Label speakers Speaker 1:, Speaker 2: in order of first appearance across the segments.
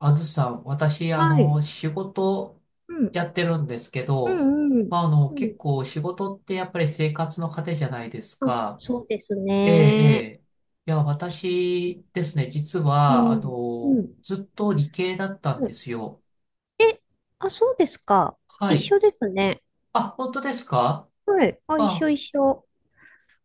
Speaker 1: あずさん、私、
Speaker 2: はい。
Speaker 1: 仕事
Speaker 2: うん。
Speaker 1: やってるんですけ
Speaker 2: う
Speaker 1: ど、
Speaker 2: んうん。
Speaker 1: まあ、
Speaker 2: そう
Speaker 1: 結
Speaker 2: ん。
Speaker 1: 構仕事ってやっぱり生活の糧じゃないです
Speaker 2: あ、
Speaker 1: か。
Speaker 2: そうです
Speaker 1: ええ、え
Speaker 2: ね。
Speaker 1: え。いや、私ですね、実
Speaker 2: う
Speaker 1: は、
Speaker 2: ん。うん。
Speaker 1: ずっと理系だったん
Speaker 2: は
Speaker 1: で
Speaker 2: い
Speaker 1: すよ。
Speaker 2: え、あ、そうですか。
Speaker 1: は
Speaker 2: 一
Speaker 1: い。
Speaker 2: 緒ですね。
Speaker 1: あ、本当ですか
Speaker 2: はい。あ、一緒
Speaker 1: あ、
Speaker 2: 一緒。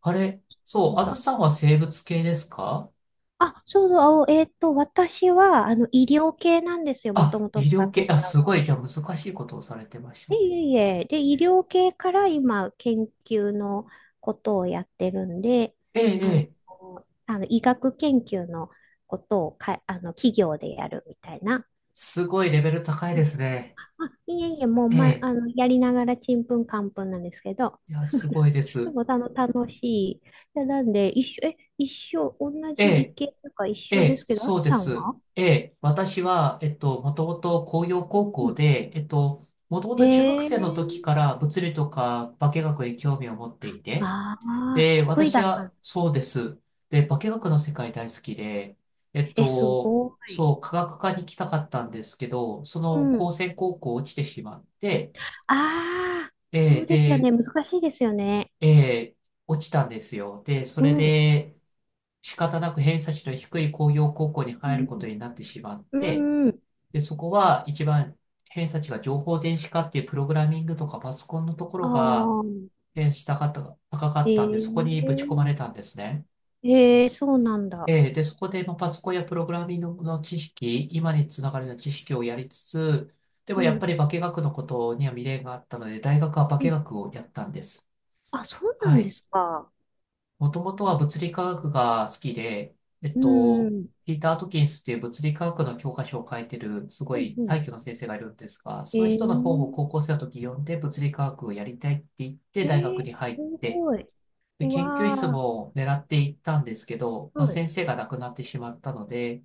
Speaker 1: あれ、
Speaker 2: な
Speaker 1: そう、
Speaker 2: ん
Speaker 1: あず
Speaker 2: だ。
Speaker 1: さんは生物系ですか
Speaker 2: あ、そうそう。私は、医療系なんですよ。もと
Speaker 1: あ、
Speaker 2: もとの
Speaker 1: 医
Speaker 2: バッ
Speaker 1: 療
Speaker 2: ク
Speaker 1: 系、
Speaker 2: グ
Speaker 1: あ、
Speaker 2: ラウ
Speaker 1: す
Speaker 2: ンド。
Speaker 1: ごい、じゃあ難しいことをされてました
Speaker 2: いえ
Speaker 1: ね。
Speaker 2: いえいえ。で、医療系から今、研究のことをやってるんで、
Speaker 1: ええ、え
Speaker 2: あの、
Speaker 1: え、
Speaker 2: あの医学研究のことをか、企業でやるみたいな。
Speaker 1: すごいレベル高いですね。
Speaker 2: あ、いえいえ、もう、
Speaker 1: え
Speaker 2: ま、あ
Speaker 1: え。
Speaker 2: の、やりながらちんぷんかんぷんなんですけど、
Speaker 1: いや、すご いで
Speaker 2: で
Speaker 1: す。
Speaker 2: も楽しい。でなんで、一緒、一緒、同
Speaker 1: え
Speaker 2: じ理
Speaker 1: え、
Speaker 2: 系とか一
Speaker 1: え
Speaker 2: 緒で
Speaker 1: え、
Speaker 2: すけど、あ
Speaker 1: そ
Speaker 2: き
Speaker 1: うで
Speaker 2: さん
Speaker 1: す。
Speaker 2: は
Speaker 1: ええ、私は、もともと工業高
Speaker 2: う
Speaker 1: 校
Speaker 2: ん。
Speaker 1: で、もともと中学
Speaker 2: へえ、
Speaker 1: 生の時から物理とか化学に興味を持っていて、
Speaker 2: ああ、
Speaker 1: で、
Speaker 2: 得意
Speaker 1: 私
Speaker 2: だったの。
Speaker 1: は、そうです。で、化学の世界大好きで、えっ
Speaker 2: え、す
Speaker 1: と、
Speaker 2: ごい。
Speaker 1: そう、科学科に行きたかったんですけど、そ
Speaker 2: う
Speaker 1: の、高
Speaker 2: ん。
Speaker 1: 専高校落ちてしまって、
Speaker 2: ああ、そ
Speaker 1: ええ、
Speaker 2: うですよ
Speaker 1: で、
Speaker 2: ね。難しいですよね。
Speaker 1: ええ、落ちたんですよ。で、そ
Speaker 2: う
Speaker 1: れ
Speaker 2: ん。う
Speaker 1: で、仕方なく偏差値の低い工業高校に入ること
Speaker 2: ん。
Speaker 1: になってしまっ
Speaker 2: う
Speaker 1: て、
Speaker 2: んうん。
Speaker 1: で、そこは一番偏差値が情報電子化っていうプログラミングとかパソコンのとこ
Speaker 2: あ
Speaker 1: ろが
Speaker 2: あ、
Speaker 1: 偏差値高かった高か
Speaker 2: え
Speaker 1: ったんで、そこにぶち
Speaker 2: え、
Speaker 1: 込まれたんですね。
Speaker 2: ええ、そうなんだ。
Speaker 1: で、そこでまあパソコンやプログラミングの知識、今につながるような知識をやりつつ、で
Speaker 2: う
Speaker 1: もやっぱ
Speaker 2: ん。
Speaker 1: り化学のことには未練があったので、大学は化
Speaker 2: うん。
Speaker 1: 学をやったんです。
Speaker 2: あ、そうな
Speaker 1: は
Speaker 2: んで
Speaker 1: い。
Speaker 2: すか。
Speaker 1: もともとは物理科学が好きで、えっ
Speaker 2: うん、う
Speaker 1: と、
Speaker 2: ん、
Speaker 1: ピーター・アトキンスっていう物理科学の教科書を書いてる、すご
Speaker 2: うん
Speaker 1: い
Speaker 2: う
Speaker 1: 大
Speaker 2: ん。
Speaker 1: 挙の先生がいるんですが、
Speaker 2: え
Speaker 1: その人の本を
Speaker 2: ー、
Speaker 1: 高校生の時読んで物理科学をやりたいって言って
Speaker 2: え
Speaker 1: 大学
Speaker 2: ー、
Speaker 1: に入
Speaker 2: す
Speaker 1: って、
Speaker 2: ごい。
Speaker 1: で、
Speaker 2: う
Speaker 1: 研究室
Speaker 2: わ
Speaker 1: も狙っていったんですけど、
Speaker 2: ー、
Speaker 1: まあ、
Speaker 2: はい。
Speaker 1: 先生が亡くなってしまったので、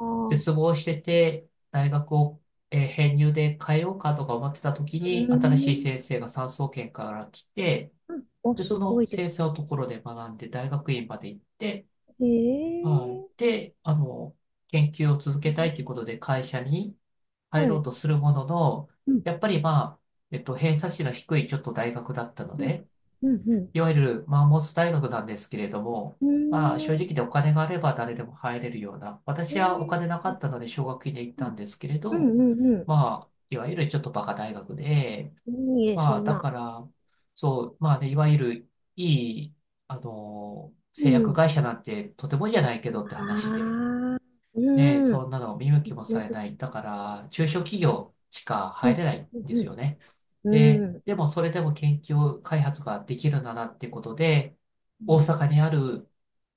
Speaker 2: あー、
Speaker 1: 絶望してて、大学を、編入で変えようかとか思ってた時
Speaker 2: う
Speaker 1: に、
Speaker 2: ー
Speaker 1: 新しい
Speaker 2: ん。
Speaker 1: 先生が産総研から来て、
Speaker 2: うんお、
Speaker 1: で、
Speaker 2: す
Speaker 1: そ
Speaker 2: ご
Speaker 1: の
Speaker 2: いで
Speaker 1: 先
Speaker 2: す
Speaker 1: 生のところで学んで、大学院まで行って、
Speaker 2: ね。え
Speaker 1: はい。で、研究を続けたいという
Speaker 2: ー、
Speaker 1: ことで会社に入
Speaker 2: は
Speaker 1: ろう
Speaker 2: い。
Speaker 1: とするものの、
Speaker 2: うん、
Speaker 1: やっぱりまあ、偏差値の低いちょっと大学だったの
Speaker 2: うん、
Speaker 1: で、
Speaker 2: うん、
Speaker 1: いわゆるマンモス大学なんですけれども、
Speaker 2: うん。
Speaker 1: まあ、正
Speaker 2: うー
Speaker 1: 直
Speaker 2: ん、
Speaker 1: でお金があれば誰でも入れるような、
Speaker 2: え
Speaker 1: 私はお
Speaker 2: ー、
Speaker 1: 金なかったので奨学金で行っ
Speaker 2: う
Speaker 1: たん
Speaker 2: ん、
Speaker 1: ですけれ
Speaker 2: う
Speaker 1: ど、
Speaker 2: ん、うん。
Speaker 1: まあ、いわゆるちょっとバカ大学で、
Speaker 2: いいえ、
Speaker 1: ま
Speaker 2: そ
Speaker 1: あ、
Speaker 2: ん
Speaker 1: だ
Speaker 2: な。
Speaker 1: から、そう、まあ、でいわゆるいい、
Speaker 2: う
Speaker 1: 製薬
Speaker 2: ん。
Speaker 1: 会社なんてとてもじゃないけどって
Speaker 2: あ
Speaker 1: 話で、
Speaker 2: あ、
Speaker 1: ね、
Speaker 2: うん。
Speaker 1: そんなの見向きもさ
Speaker 2: む
Speaker 1: れ
Speaker 2: ず、
Speaker 1: ない。だから、中小企業しか
Speaker 2: う
Speaker 1: 入
Speaker 2: ん、
Speaker 1: れないん
Speaker 2: うん、
Speaker 1: ですよね。
Speaker 2: うん。う
Speaker 1: で、
Speaker 2: ん
Speaker 1: でもそれでも研究開発ができるならっていうことで、
Speaker 2: う
Speaker 1: 大
Speaker 2: ん
Speaker 1: 阪にある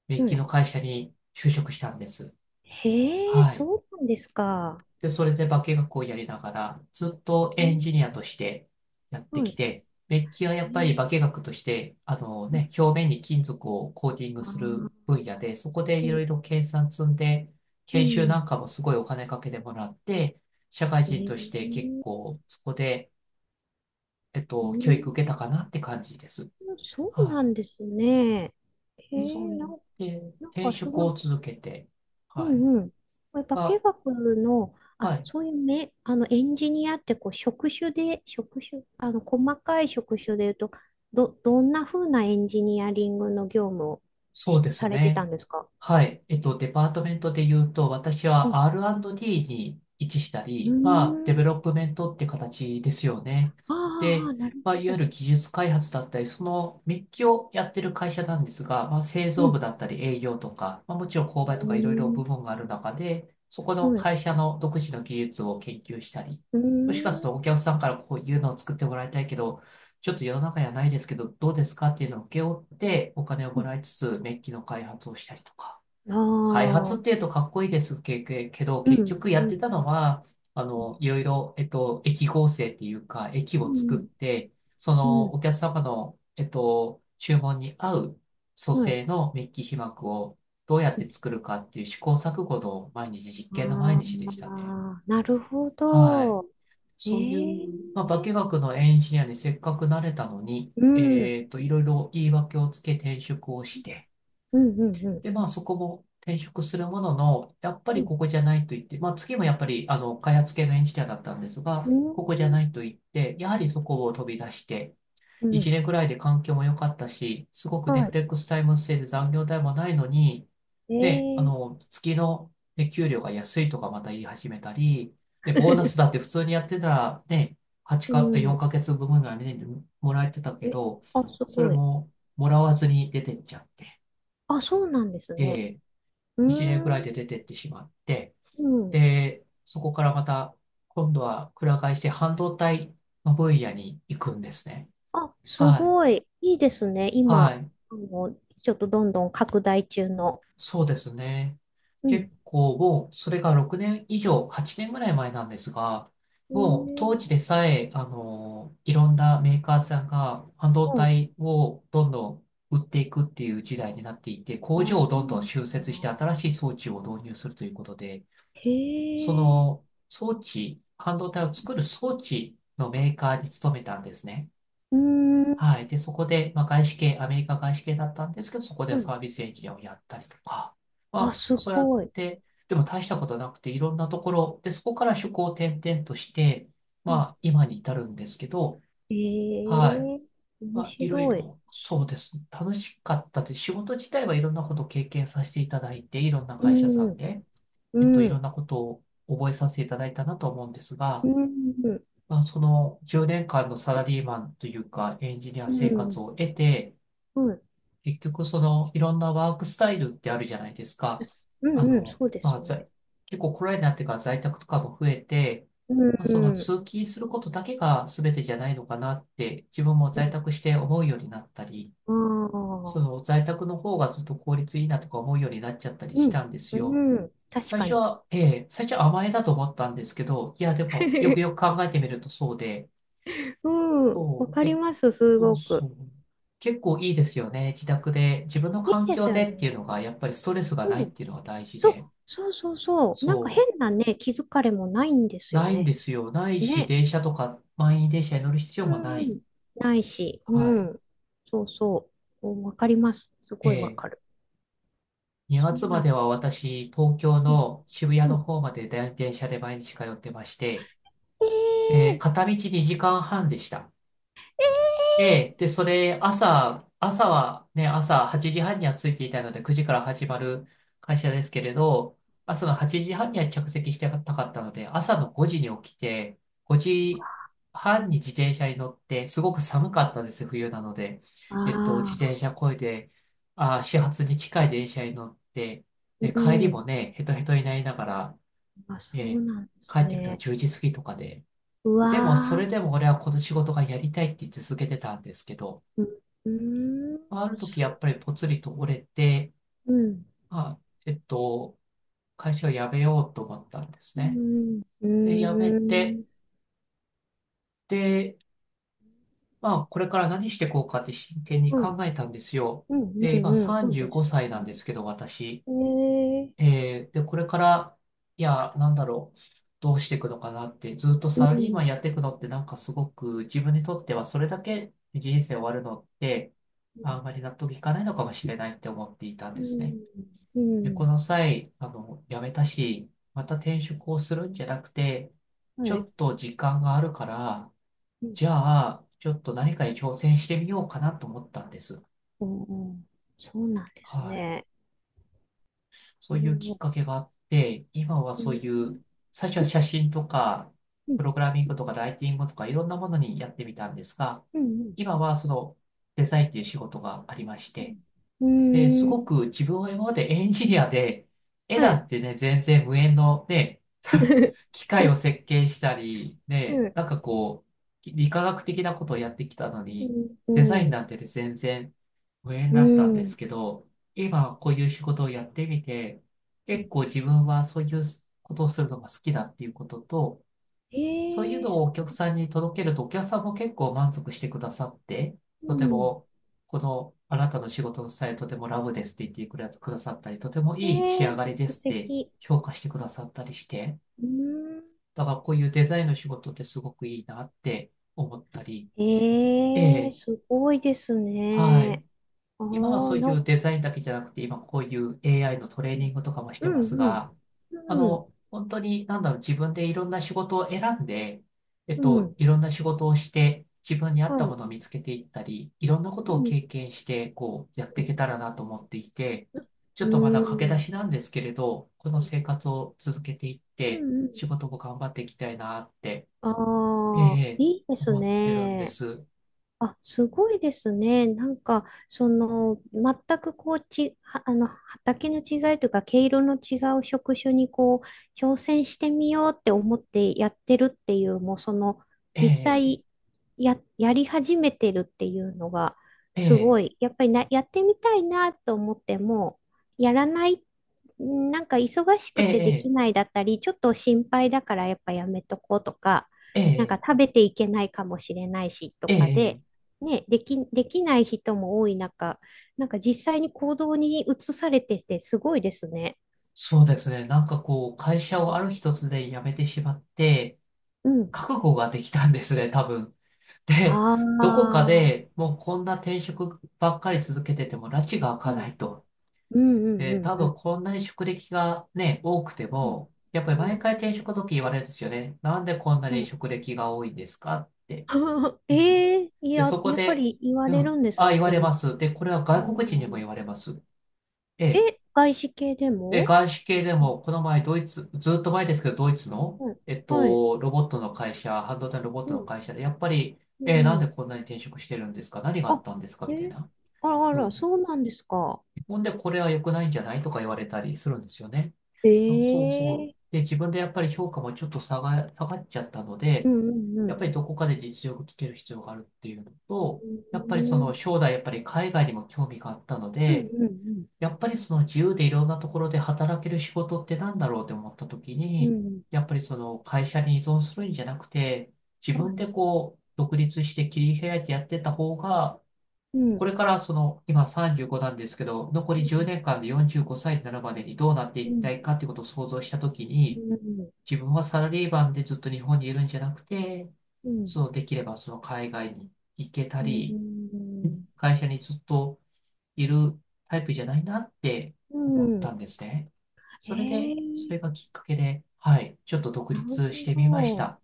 Speaker 1: メッ
Speaker 2: は
Speaker 1: キ
Speaker 2: い
Speaker 1: の会社に就職したんです。
Speaker 2: へえ、
Speaker 1: はい。
Speaker 2: そうなんですか。
Speaker 1: で、それで化学をやりながら、ずっと
Speaker 2: う
Speaker 1: エ
Speaker 2: ん
Speaker 1: ンジニアとしてやってき
Speaker 2: は
Speaker 1: て、メッキはや
Speaker 2: い。
Speaker 1: っぱり化
Speaker 2: え
Speaker 1: 学として、
Speaker 2: う
Speaker 1: ね、
Speaker 2: ん。
Speaker 1: 表面に金属をコーティング
Speaker 2: ああ、
Speaker 1: する分野で、そこで
Speaker 2: う
Speaker 1: いろい
Speaker 2: ん、
Speaker 1: ろ研鑽積んで、
Speaker 2: う
Speaker 1: 研修な
Speaker 2: ん。
Speaker 1: んかもすごいお金かけてもらって、社会
Speaker 2: え
Speaker 1: 人として結
Speaker 2: ー、
Speaker 1: 構そこで、
Speaker 2: う
Speaker 1: 教
Speaker 2: ん、
Speaker 1: 育受けたかなって感じです。
Speaker 2: そう
Speaker 1: は
Speaker 2: なんですね。え
Speaker 1: い。で、そう
Speaker 2: ー、
Speaker 1: や
Speaker 2: な
Speaker 1: っ
Speaker 2: ん、
Speaker 1: て
Speaker 2: なん
Speaker 1: 転
Speaker 2: かそ
Speaker 1: 職
Speaker 2: の、
Speaker 1: を続けて、
Speaker 2: う
Speaker 1: はい。
Speaker 2: んうん。これ化
Speaker 1: ま
Speaker 2: 学の、
Speaker 1: あ、
Speaker 2: あ、
Speaker 1: はい。
Speaker 2: そういうめ、エンジニアってこう職種で、職種、細かい職種で言うと、どんな風なエンジニアリングの業務を
Speaker 1: そうです
Speaker 2: されてた
Speaker 1: ね。
Speaker 2: んですか
Speaker 1: はい。デパートメントで言うと、私
Speaker 2: うん。
Speaker 1: は R&D に位置した
Speaker 2: うー
Speaker 1: り、まあ、デベ
Speaker 2: ん。
Speaker 1: ロップメントって形ですよね。
Speaker 2: あー
Speaker 1: で、
Speaker 2: あー、なる
Speaker 1: まあ、いわ
Speaker 2: ほ
Speaker 1: ゆ
Speaker 2: ど。
Speaker 1: る技術開発だったり、そのメッキをやってる会社なんですが、まあ、製
Speaker 2: う
Speaker 1: 造部
Speaker 2: ん。
Speaker 1: だったり営業とか、まあ、もちろん購買とかいろいろ
Speaker 2: う
Speaker 1: 部門がある中で、そこ
Speaker 2: ー
Speaker 1: の
Speaker 2: ん。はい。
Speaker 1: 会社の独自の技術を研究したり、
Speaker 2: う
Speaker 1: もしかする
Speaker 2: ー
Speaker 1: とお客さんからこういうのを作ってもらいたいけど、ちょっと世の中にはないですけど、どうですかっていうのを請け負ってお金をも
Speaker 2: ん。
Speaker 1: らいつつ、メッキの開発をしたりとか。
Speaker 2: あ
Speaker 1: 開発ってい
Speaker 2: あ、
Speaker 1: うとかっこいいですけど、
Speaker 2: う
Speaker 1: 結
Speaker 2: ん、
Speaker 1: 局や
Speaker 2: う
Speaker 1: って
Speaker 2: ん、
Speaker 1: たのは、
Speaker 2: うん、
Speaker 1: いろいろ、駅合成っていうか、駅
Speaker 2: う
Speaker 1: を作っ
Speaker 2: ん、
Speaker 1: て、そ
Speaker 2: う
Speaker 1: のお
Speaker 2: ん
Speaker 1: 客様の、注文に合う組
Speaker 2: はい。
Speaker 1: 成のメッキ被膜をどうやって作るかっていう試行錯誤の毎日、実験の毎
Speaker 2: あ
Speaker 1: 日でしたね。
Speaker 2: あ、なるほ
Speaker 1: はい。
Speaker 2: ど。え
Speaker 1: そうい
Speaker 2: え
Speaker 1: う、まあ、化学のエンジニアにせっかくなれたのに、
Speaker 2: うん、うん、
Speaker 1: いろいろ言い訳をつけ転職をして、
Speaker 2: うん、うん、
Speaker 1: で、まあ、そこも転職するものの、やっぱ
Speaker 2: う
Speaker 1: り
Speaker 2: ん、
Speaker 1: ここじゃないと言って、まあ、次もやっぱり、開発系のエンジニアだったんです
Speaker 2: う
Speaker 1: が、
Speaker 2: ん、
Speaker 1: ここじゃないと言って、やはりそこを飛び出して、
Speaker 2: う
Speaker 1: 1
Speaker 2: ん
Speaker 1: 年くらいで環境も良かったし、すごくね、
Speaker 2: は
Speaker 1: フ
Speaker 2: い。
Speaker 1: レックスタイム制で残業代もないのに、
Speaker 2: え
Speaker 1: で、
Speaker 2: え
Speaker 1: 月の、ね、給料が安いとかまた言い始めたり、で、ボーナスだっ て普通にやってたらね、8
Speaker 2: う
Speaker 1: か、4
Speaker 2: ん。
Speaker 1: ヶ月分ぐらいね、もらえてたけ
Speaker 2: え、
Speaker 1: ど、
Speaker 2: あ、す
Speaker 1: それ
Speaker 2: ごい。
Speaker 1: ももらわずに出てっちゃって、
Speaker 2: あ、そうなんです
Speaker 1: え
Speaker 2: ね。
Speaker 1: え、
Speaker 2: うー
Speaker 1: 1年くらいで
Speaker 2: ん、
Speaker 1: 出てってしまって、
Speaker 2: うん。
Speaker 1: で、そこからまた今度はくら替えして半導体の分野に行くんですね。
Speaker 2: あ、す
Speaker 1: はい。
Speaker 2: ごい。いいですね。
Speaker 1: は
Speaker 2: 今、
Speaker 1: い。
Speaker 2: あの、ちょっとどんどん拡大中の。
Speaker 1: そうですね。
Speaker 2: うん。
Speaker 1: 結構もう、それが6年以上、8年ぐらい前なんですが、
Speaker 2: え
Speaker 1: もう
Speaker 2: え
Speaker 1: 当時でさえ、いろんなメーカーさんが半導
Speaker 2: はい。
Speaker 1: 体をどんどん売っていくっていう時代になっていて、工
Speaker 2: あ、
Speaker 1: 場を
Speaker 2: そう
Speaker 1: どんどん新
Speaker 2: なん
Speaker 1: 設して
Speaker 2: だ。
Speaker 1: 新しい装置を導入するということで、
Speaker 2: へ
Speaker 1: そ
Speaker 2: え、
Speaker 1: の装置、半導体を作る装置のメーカーに勤めたんですね。
Speaker 2: うーん、
Speaker 1: はい。で、そこで、まあ、外資系、アメリカ外資系だったんですけど、そこ
Speaker 2: う
Speaker 1: でサ
Speaker 2: ん
Speaker 1: ービスエンジニアをやったりとか、ま
Speaker 2: あ、
Speaker 1: あ、
Speaker 2: す
Speaker 1: そうやっ
Speaker 2: ごい。
Speaker 1: て、でも大したことなくて、いろんなところ、で、そこから職を転々として、
Speaker 2: う
Speaker 1: ま
Speaker 2: ん、
Speaker 1: あ、今に至るんですけど、
Speaker 2: へ
Speaker 1: はい。
Speaker 2: え、
Speaker 1: ま
Speaker 2: 面
Speaker 1: あ、いろい
Speaker 2: 白い。
Speaker 1: ろ、そうです。楽しかったです。仕事自体はいろんなことを経験させていただいて、いろんな
Speaker 2: う
Speaker 1: 会社さ
Speaker 2: ん、
Speaker 1: ん
Speaker 2: う
Speaker 1: で、
Speaker 2: ん、う
Speaker 1: いろん
Speaker 2: ん、
Speaker 1: なことを覚えさせていただいたなと思うんです
Speaker 2: う
Speaker 1: が、
Speaker 2: ん、
Speaker 1: まあ、その10年間のサラリーマンというか、エンジニア
Speaker 2: う
Speaker 1: 生活
Speaker 2: ん、
Speaker 1: を得て、
Speaker 2: う
Speaker 1: 結局、その、いろんなワークスタイルってあるじゃないですか。
Speaker 2: ん、うん、そうで
Speaker 1: ま
Speaker 2: す
Speaker 1: あ、
Speaker 2: ね。
Speaker 1: 結構コロナになってから在宅とかも増えて、
Speaker 2: う
Speaker 1: まあ、その
Speaker 2: ん、
Speaker 1: 通勤することだけが全てじゃないのかなって、自分も
Speaker 2: う
Speaker 1: 在
Speaker 2: ん、
Speaker 1: 宅して思うようになったり、
Speaker 2: あ
Speaker 1: その
Speaker 2: あ、
Speaker 1: 在宅の方がずっと効率いいなとか思うようになっちゃったりし
Speaker 2: う
Speaker 1: た
Speaker 2: ん、
Speaker 1: んです
Speaker 2: う
Speaker 1: よ。
Speaker 2: ん、確
Speaker 1: 最
Speaker 2: か
Speaker 1: 初
Speaker 2: に。
Speaker 1: は、ええ、最初は甘えだと思ったんですけど、いや、でも、よくよく 考えてみるとそうで、
Speaker 2: うん、わ
Speaker 1: そう、
Speaker 2: かり
Speaker 1: で、
Speaker 2: ます、す
Speaker 1: そう
Speaker 2: ご
Speaker 1: そ
Speaker 2: く。
Speaker 1: う。結構いいですよね。自宅で、自分の
Speaker 2: いい
Speaker 1: 環
Speaker 2: です
Speaker 1: 境
Speaker 2: よね。
Speaker 1: でっていうのが、やっぱりストレスがな
Speaker 2: う
Speaker 1: いっ
Speaker 2: ん、
Speaker 1: ていうのが大事
Speaker 2: そう、
Speaker 1: で。
Speaker 2: そうそうそう。なんか
Speaker 1: そ
Speaker 2: 変なね、気づかれもないんで
Speaker 1: う。
Speaker 2: すよ
Speaker 1: ないん
Speaker 2: ね。
Speaker 1: ですよ。ないし、
Speaker 2: ね。
Speaker 1: 電車とか、満員電車に乗る必要もな
Speaker 2: う
Speaker 1: い。
Speaker 2: ん。ないし、う
Speaker 1: はい。
Speaker 2: ん。そうそう。おわかります。す
Speaker 1: え
Speaker 2: ごいわ
Speaker 1: え。
Speaker 2: かる。
Speaker 1: 2
Speaker 2: そ
Speaker 1: 月
Speaker 2: ん
Speaker 1: ま
Speaker 2: な、
Speaker 1: では私、東京
Speaker 2: うん、
Speaker 1: の渋谷
Speaker 2: う
Speaker 1: の
Speaker 2: ん。
Speaker 1: 方まで電車で毎日通ってまして、ええ、
Speaker 2: ええ
Speaker 1: 片道2時間半でした。で、それ、朝はね、朝8時半には着いていたので、9時から始まる会社ですけれど、朝の8時半には着席してたかったので、朝の5時に起きて、5時半に自転車に乗って、すごく寒かったです、冬なので。自
Speaker 2: あ
Speaker 1: 転車こいで、始発に近い電車に乗って、
Speaker 2: あー、
Speaker 1: で、帰
Speaker 2: う
Speaker 1: りも
Speaker 2: ん。
Speaker 1: ね、ヘトヘトになりながら、
Speaker 2: あ、
Speaker 1: え
Speaker 2: そう
Speaker 1: ー
Speaker 2: なんです
Speaker 1: 帰ってくるのが
Speaker 2: ね。
Speaker 1: 10時過ぎとかで。
Speaker 2: う
Speaker 1: でも、そ
Speaker 2: わー、
Speaker 1: れでも俺はこの仕事がやりたいって続けてたんですけど、
Speaker 2: うん、うーん、
Speaker 1: ある時
Speaker 2: す
Speaker 1: やっぱりぽつりと折れて、
Speaker 2: うん、
Speaker 1: あ、えっと、会社を辞めようと思ったんです
Speaker 2: う
Speaker 1: ね。
Speaker 2: ん、う
Speaker 1: で、辞め
Speaker 2: ー
Speaker 1: て、
Speaker 2: ん、
Speaker 1: で、まあ、これから何していこうかって真剣に
Speaker 2: う
Speaker 1: 考
Speaker 2: ん、
Speaker 1: えたんですよ。
Speaker 2: うん、
Speaker 1: で、
Speaker 2: う
Speaker 1: 今
Speaker 2: ん、うんそう
Speaker 1: 35
Speaker 2: ですよ
Speaker 1: 歳なんで
Speaker 2: ね。
Speaker 1: すけど、私。
Speaker 2: ええ
Speaker 1: で、これから、いや、なんだろう、どうしていくのかなって、ずっと
Speaker 2: う
Speaker 1: サラリーマン
Speaker 2: ん、
Speaker 1: やっていくのって、なんかすごく自分にとってはそれだけで人生終わるのって、あんまり納得いかないのかもしれないって思っていたん
Speaker 2: う
Speaker 1: です
Speaker 2: ん、
Speaker 1: ね。
Speaker 2: う
Speaker 1: で、こ
Speaker 2: ん、
Speaker 1: の際、辞めたし、また転職をするんじゃなくて、ち
Speaker 2: は
Speaker 1: ょ
Speaker 2: い。
Speaker 1: っと時間があるから、
Speaker 2: うん、
Speaker 1: じゃあ、ちょっと何かに挑戦してみようかなと思ったんです。
Speaker 2: うん、うんそうなんです
Speaker 1: はい。
Speaker 2: ね。
Speaker 1: そ
Speaker 2: う
Speaker 1: ういうきっ
Speaker 2: ん
Speaker 1: かけがあって、今は
Speaker 2: う
Speaker 1: そう
Speaker 2: ん。
Speaker 1: いう、最初は写真とか、
Speaker 2: う
Speaker 1: プ
Speaker 2: ん。
Speaker 1: ログラミングとかライティングとかいろんなものにやってみたんですが、
Speaker 2: うん。
Speaker 1: 今はそのデザインという仕事がありまして、
Speaker 2: う
Speaker 1: で、
Speaker 2: ん。
Speaker 1: す
Speaker 2: うー
Speaker 1: ご
Speaker 2: ん
Speaker 1: く自分は今までエンジニアで、絵
Speaker 2: は
Speaker 1: な
Speaker 2: い。
Speaker 1: んてね、全然無縁のね、機械 を設計したり、
Speaker 2: う
Speaker 1: ね、
Speaker 2: ん。
Speaker 1: なんかこう、理化学的なことをやってきたのに、
Speaker 2: う
Speaker 1: デザイン
Speaker 2: ん。
Speaker 1: なんてね全然無縁
Speaker 2: う
Speaker 1: だったんで
Speaker 2: ん。
Speaker 1: すけど、今こういう仕事をやってみて、
Speaker 2: う
Speaker 1: 結
Speaker 2: ん
Speaker 1: 構自分はそういうことをするのが好きだっていうことと、
Speaker 2: え
Speaker 1: そういう
Speaker 2: え
Speaker 1: のをお客さんに届けると、お客さんも結構満足してくださって、
Speaker 2: う
Speaker 1: とて
Speaker 2: ん。
Speaker 1: も、この、あなたの仕事のスタイルとてもラブですって言ってくれくださったり、とても
Speaker 2: え
Speaker 1: いい仕上
Speaker 2: え
Speaker 1: がりで
Speaker 2: 素
Speaker 1: すって
Speaker 2: 敵。
Speaker 1: 評価してくださったりして、
Speaker 2: うん。
Speaker 1: だからこういうデザインの仕事ってすごくいいなって思ったり、え
Speaker 2: ええ
Speaker 1: え、
Speaker 2: すごいです
Speaker 1: はい。
Speaker 2: ね。あ
Speaker 1: 今は
Speaker 2: あ、
Speaker 1: そうい
Speaker 2: な
Speaker 1: う
Speaker 2: ん、
Speaker 1: デザインだけじゃなくて、今こういう AI のトレーニングとかもし
Speaker 2: う
Speaker 1: てま
Speaker 2: ん、
Speaker 1: す
Speaker 2: う
Speaker 1: が、
Speaker 2: ん。うん、
Speaker 1: 本当に、なんだろう、自分でいろんな仕事を選んで、
Speaker 2: うん。うん
Speaker 1: いろんな仕事をして、自分に合っ
Speaker 2: は
Speaker 1: たも
Speaker 2: い。
Speaker 1: のを見つけていったり、いろんなこ
Speaker 2: う
Speaker 1: とを
Speaker 2: ん、
Speaker 1: 経験して、こう、やって
Speaker 2: う
Speaker 1: い
Speaker 2: ん。
Speaker 1: けたらなと思っていて、ち
Speaker 2: う
Speaker 1: ょっとまだ駆け出
Speaker 2: ん、
Speaker 1: しなんですけれど、この生活を続けていっ
Speaker 2: う
Speaker 1: て、
Speaker 2: ん。うん
Speaker 1: 仕事も頑張っていきたいなって、え
Speaker 2: ああ、
Speaker 1: え、
Speaker 2: いいです
Speaker 1: 思ってるんで
Speaker 2: ね。
Speaker 1: す。
Speaker 2: あ、すごいですね。なんか、その、全くこう、は畑の違いというか、毛色の違う職種にこう、挑戦してみようって思ってやってるっていう、もうその、実際やり始めてるっていうのが、
Speaker 1: え
Speaker 2: すご
Speaker 1: え、
Speaker 2: い。やっぱりな、やってみたいなと思っても、やらない、んなんか忙し
Speaker 1: え
Speaker 2: くてでき
Speaker 1: え、
Speaker 2: ないだったり、ちょっと心配だからやっぱやめとこうとか、
Speaker 1: え
Speaker 2: なんか
Speaker 1: え、
Speaker 2: 食べていけないかもしれないしと
Speaker 1: ええ、え
Speaker 2: か
Speaker 1: え、え
Speaker 2: で、
Speaker 1: え
Speaker 2: ね、できない人も多い中、なんか実際に行動に移されててすごいですね。
Speaker 1: そうですね。なんかこう、会社
Speaker 2: う
Speaker 1: をあ
Speaker 2: ん。
Speaker 1: る一つで辞めてしまって、
Speaker 2: うん
Speaker 1: 覚悟ができたんですね、多分。で、
Speaker 2: ああ、
Speaker 1: どこか
Speaker 2: は
Speaker 1: で
Speaker 2: い
Speaker 1: もうこんな転職ばっかり続けてても、埒が明
Speaker 2: う
Speaker 1: かな
Speaker 2: ん
Speaker 1: いと。
Speaker 2: うんう
Speaker 1: で、多
Speaker 2: んう
Speaker 1: 分
Speaker 2: ん。
Speaker 1: こんなに職歴がね、多くて
Speaker 2: うん
Speaker 1: も、やっ
Speaker 2: う
Speaker 1: ぱり毎
Speaker 2: ん。
Speaker 1: 回転職の時言われるんですよね。なんでこんな
Speaker 2: う
Speaker 1: に
Speaker 2: ん
Speaker 1: 職歴が多いんですかって。うん。
Speaker 2: ええい
Speaker 1: で、
Speaker 2: や、
Speaker 1: そこ
Speaker 2: やっぱ
Speaker 1: で、
Speaker 2: り言わ
Speaker 1: う
Speaker 2: れる
Speaker 1: ん、
Speaker 2: んです
Speaker 1: あ、
Speaker 2: ね、
Speaker 1: 言わ
Speaker 2: そ
Speaker 1: れ
Speaker 2: うい
Speaker 1: ま
Speaker 2: う。
Speaker 1: す。で、これは
Speaker 2: う
Speaker 1: 外国人にも
Speaker 2: ん
Speaker 1: 言われます。ええ
Speaker 2: え、外資系で
Speaker 1: で、
Speaker 2: も
Speaker 1: 外資系で
Speaker 2: うん
Speaker 1: も、この前ドイツ、ずっと前ですけど、ドイツの、
Speaker 2: はい。はい
Speaker 1: ロボットの会社、半導体のロボッ
Speaker 2: う
Speaker 1: トの
Speaker 2: ん。
Speaker 1: 会社で、やっぱり、
Speaker 2: う
Speaker 1: なんで
Speaker 2: ん。
Speaker 1: こんなに転職してるんですか、何があ
Speaker 2: あ、
Speaker 1: ったんですかみたい
Speaker 2: え、
Speaker 1: な。
Speaker 2: あらあ
Speaker 1: う
Speaker 2: ら、
Speaker 1: ん。
Speaker 2: そうなんですか。
Speaker 1: ほんで、これは良くないんじゃないとか言われたりするんですよね。そうそうそう。
Speaker 2: ええ
Speaker 1: で、自分でやっぱり評価もちょっと下がっちゃったの
Speaker 2: う
Speaker 1: で、
Speaker 2: んうんう
Speaker 1: やっ
Speaker 2: ん。
Speaker 1: ぱりどこかで実力つける必要があるっていうの
Speaker 2: う
Speaker 1: と、やっぱりその
Speaker 2: ん
Speaker 1: 将来やっぱり海外にも興味があったの
Speaker 2: うんう
Speaker 1: で、
Speaker 2: んうん
Speaker 1: やっぱりその自由でいろんなところで働ける仕事ってなんだろうって思った時
Speaker 2: う
Speaker 1: に、
Speaker 2: ん。
Speaker 1: やっぱりその会社に依存するんじゃなくて、自
Speaker 2: は
Speaker 1: 分
Speaker 2: い。
Speaker 1: でこう独立して切り開いてやってた方が、
Speaker 2: う
Speaker 1: こ
Speaker 2: ん。
Speaker 1: れからその今35なんですけど、残り
Speaker 2: う
Speaker 1: 10
Speaker 2: ん。
Speaker 1: 年間で45歳になるまでにどうなって
Speaker 2: う
Speaker 1: いきた
Speaker 2: ん。
Speaker 1: いかってことを想像した時
Speaker 2: う
Speaker 1: に、
Speaker 2: ん。
Speaker 1: 自分はサラリーマンでずっと日本にいるんじゃなくて、
Speaker 2: うん。
Speaker 1: そのできればその海外に行けた
Speaker 2: う
Speaker 1: り、
Speaker 2: ん。
Speaker 1: 会社にずっといるタイプじゃないなって
Speaker 2: う
Speaker 1: 思った
Speaker 2: ん
Speaker 1: んですね。
Speaker 2: え
Speaker 1: それで、そ
Speaker 2: ー、
Speaker 1: れがきっかけで、はい、ちょっと独
Speaker 2: なる
Speaker 1: 立してみまし
Speaker 2: ほど。
Speaker 1: た。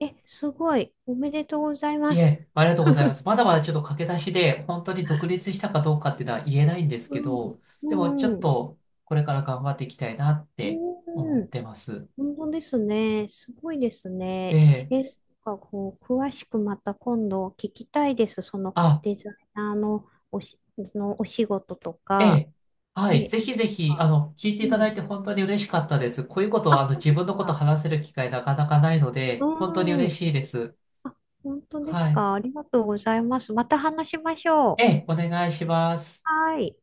Speaker 2: え、すごい。おめでとうござい
Speaker 1: い
Speaker 2: ます。
Speaker 1: え、ありがとうございます。まだまだちょっと駆け出しで、本当に独立したかどうかっていうのは言えないんですけど、
Speaker 2: う
Speaker 1: でもち
Speaker 2: ん。
Speaker 1: ょ
Speaker 2: う
Speaker 1: っ
Speaker 2: ん。
Speaker 1: とこれから頑張っていきたいなって
Speaker 2: う
Speaker 1: 思っ
Speaker 2: ん。
Speaker 1: てます。
Speaker 2: 本当ですね。すごいです
Speaker 1: え
Speaker 2: ね。
Speaker 1: え、
Speaker 2: え、なんかこう、詳しくまた今度聞きたいです。その
Speaker 1: あ、
Speaker 2: デザイナーのそのお仕事と
Speaker 1: え
Speaker 2: か。
Speaker 1: え、はい、
Speaker 2: ね。
Speaker 1: ぜひ
Speaker 2: なん
Speaker 1: ぜひ、
Speaker 2: か
Speaker 1: 聞いてい
Speaker 2: う
Speaker 1: ただい
Speaker 2: ん。
Speaker 1: て本当に嬉しかったです。こういうことは、
Speaker 2: あ、本
Speaker 1: 自
Speaker 2: 当で
Speaker 1: 分の
Speaker 2: す
Speaker 1: こと
Speaker 2: か。
Speaker 1: 話せる機会なかなかないので、本当に
Speaker 2: う
Speaker 1: 嬉
Speaker 2: ん。
Speaker 1: しいです。
Speaker 2: あ、本当で
Speaker 1: は
Speaker 2: す
Speaker 1: い。
Speaker 2: か。ありがとうございます。また話しまし
Speaker 1: え
Speaker 2: ょ
Speaker 1: え、
Speaker 2: う。
Speaker 1: お願いします。
Speaker 2: はい。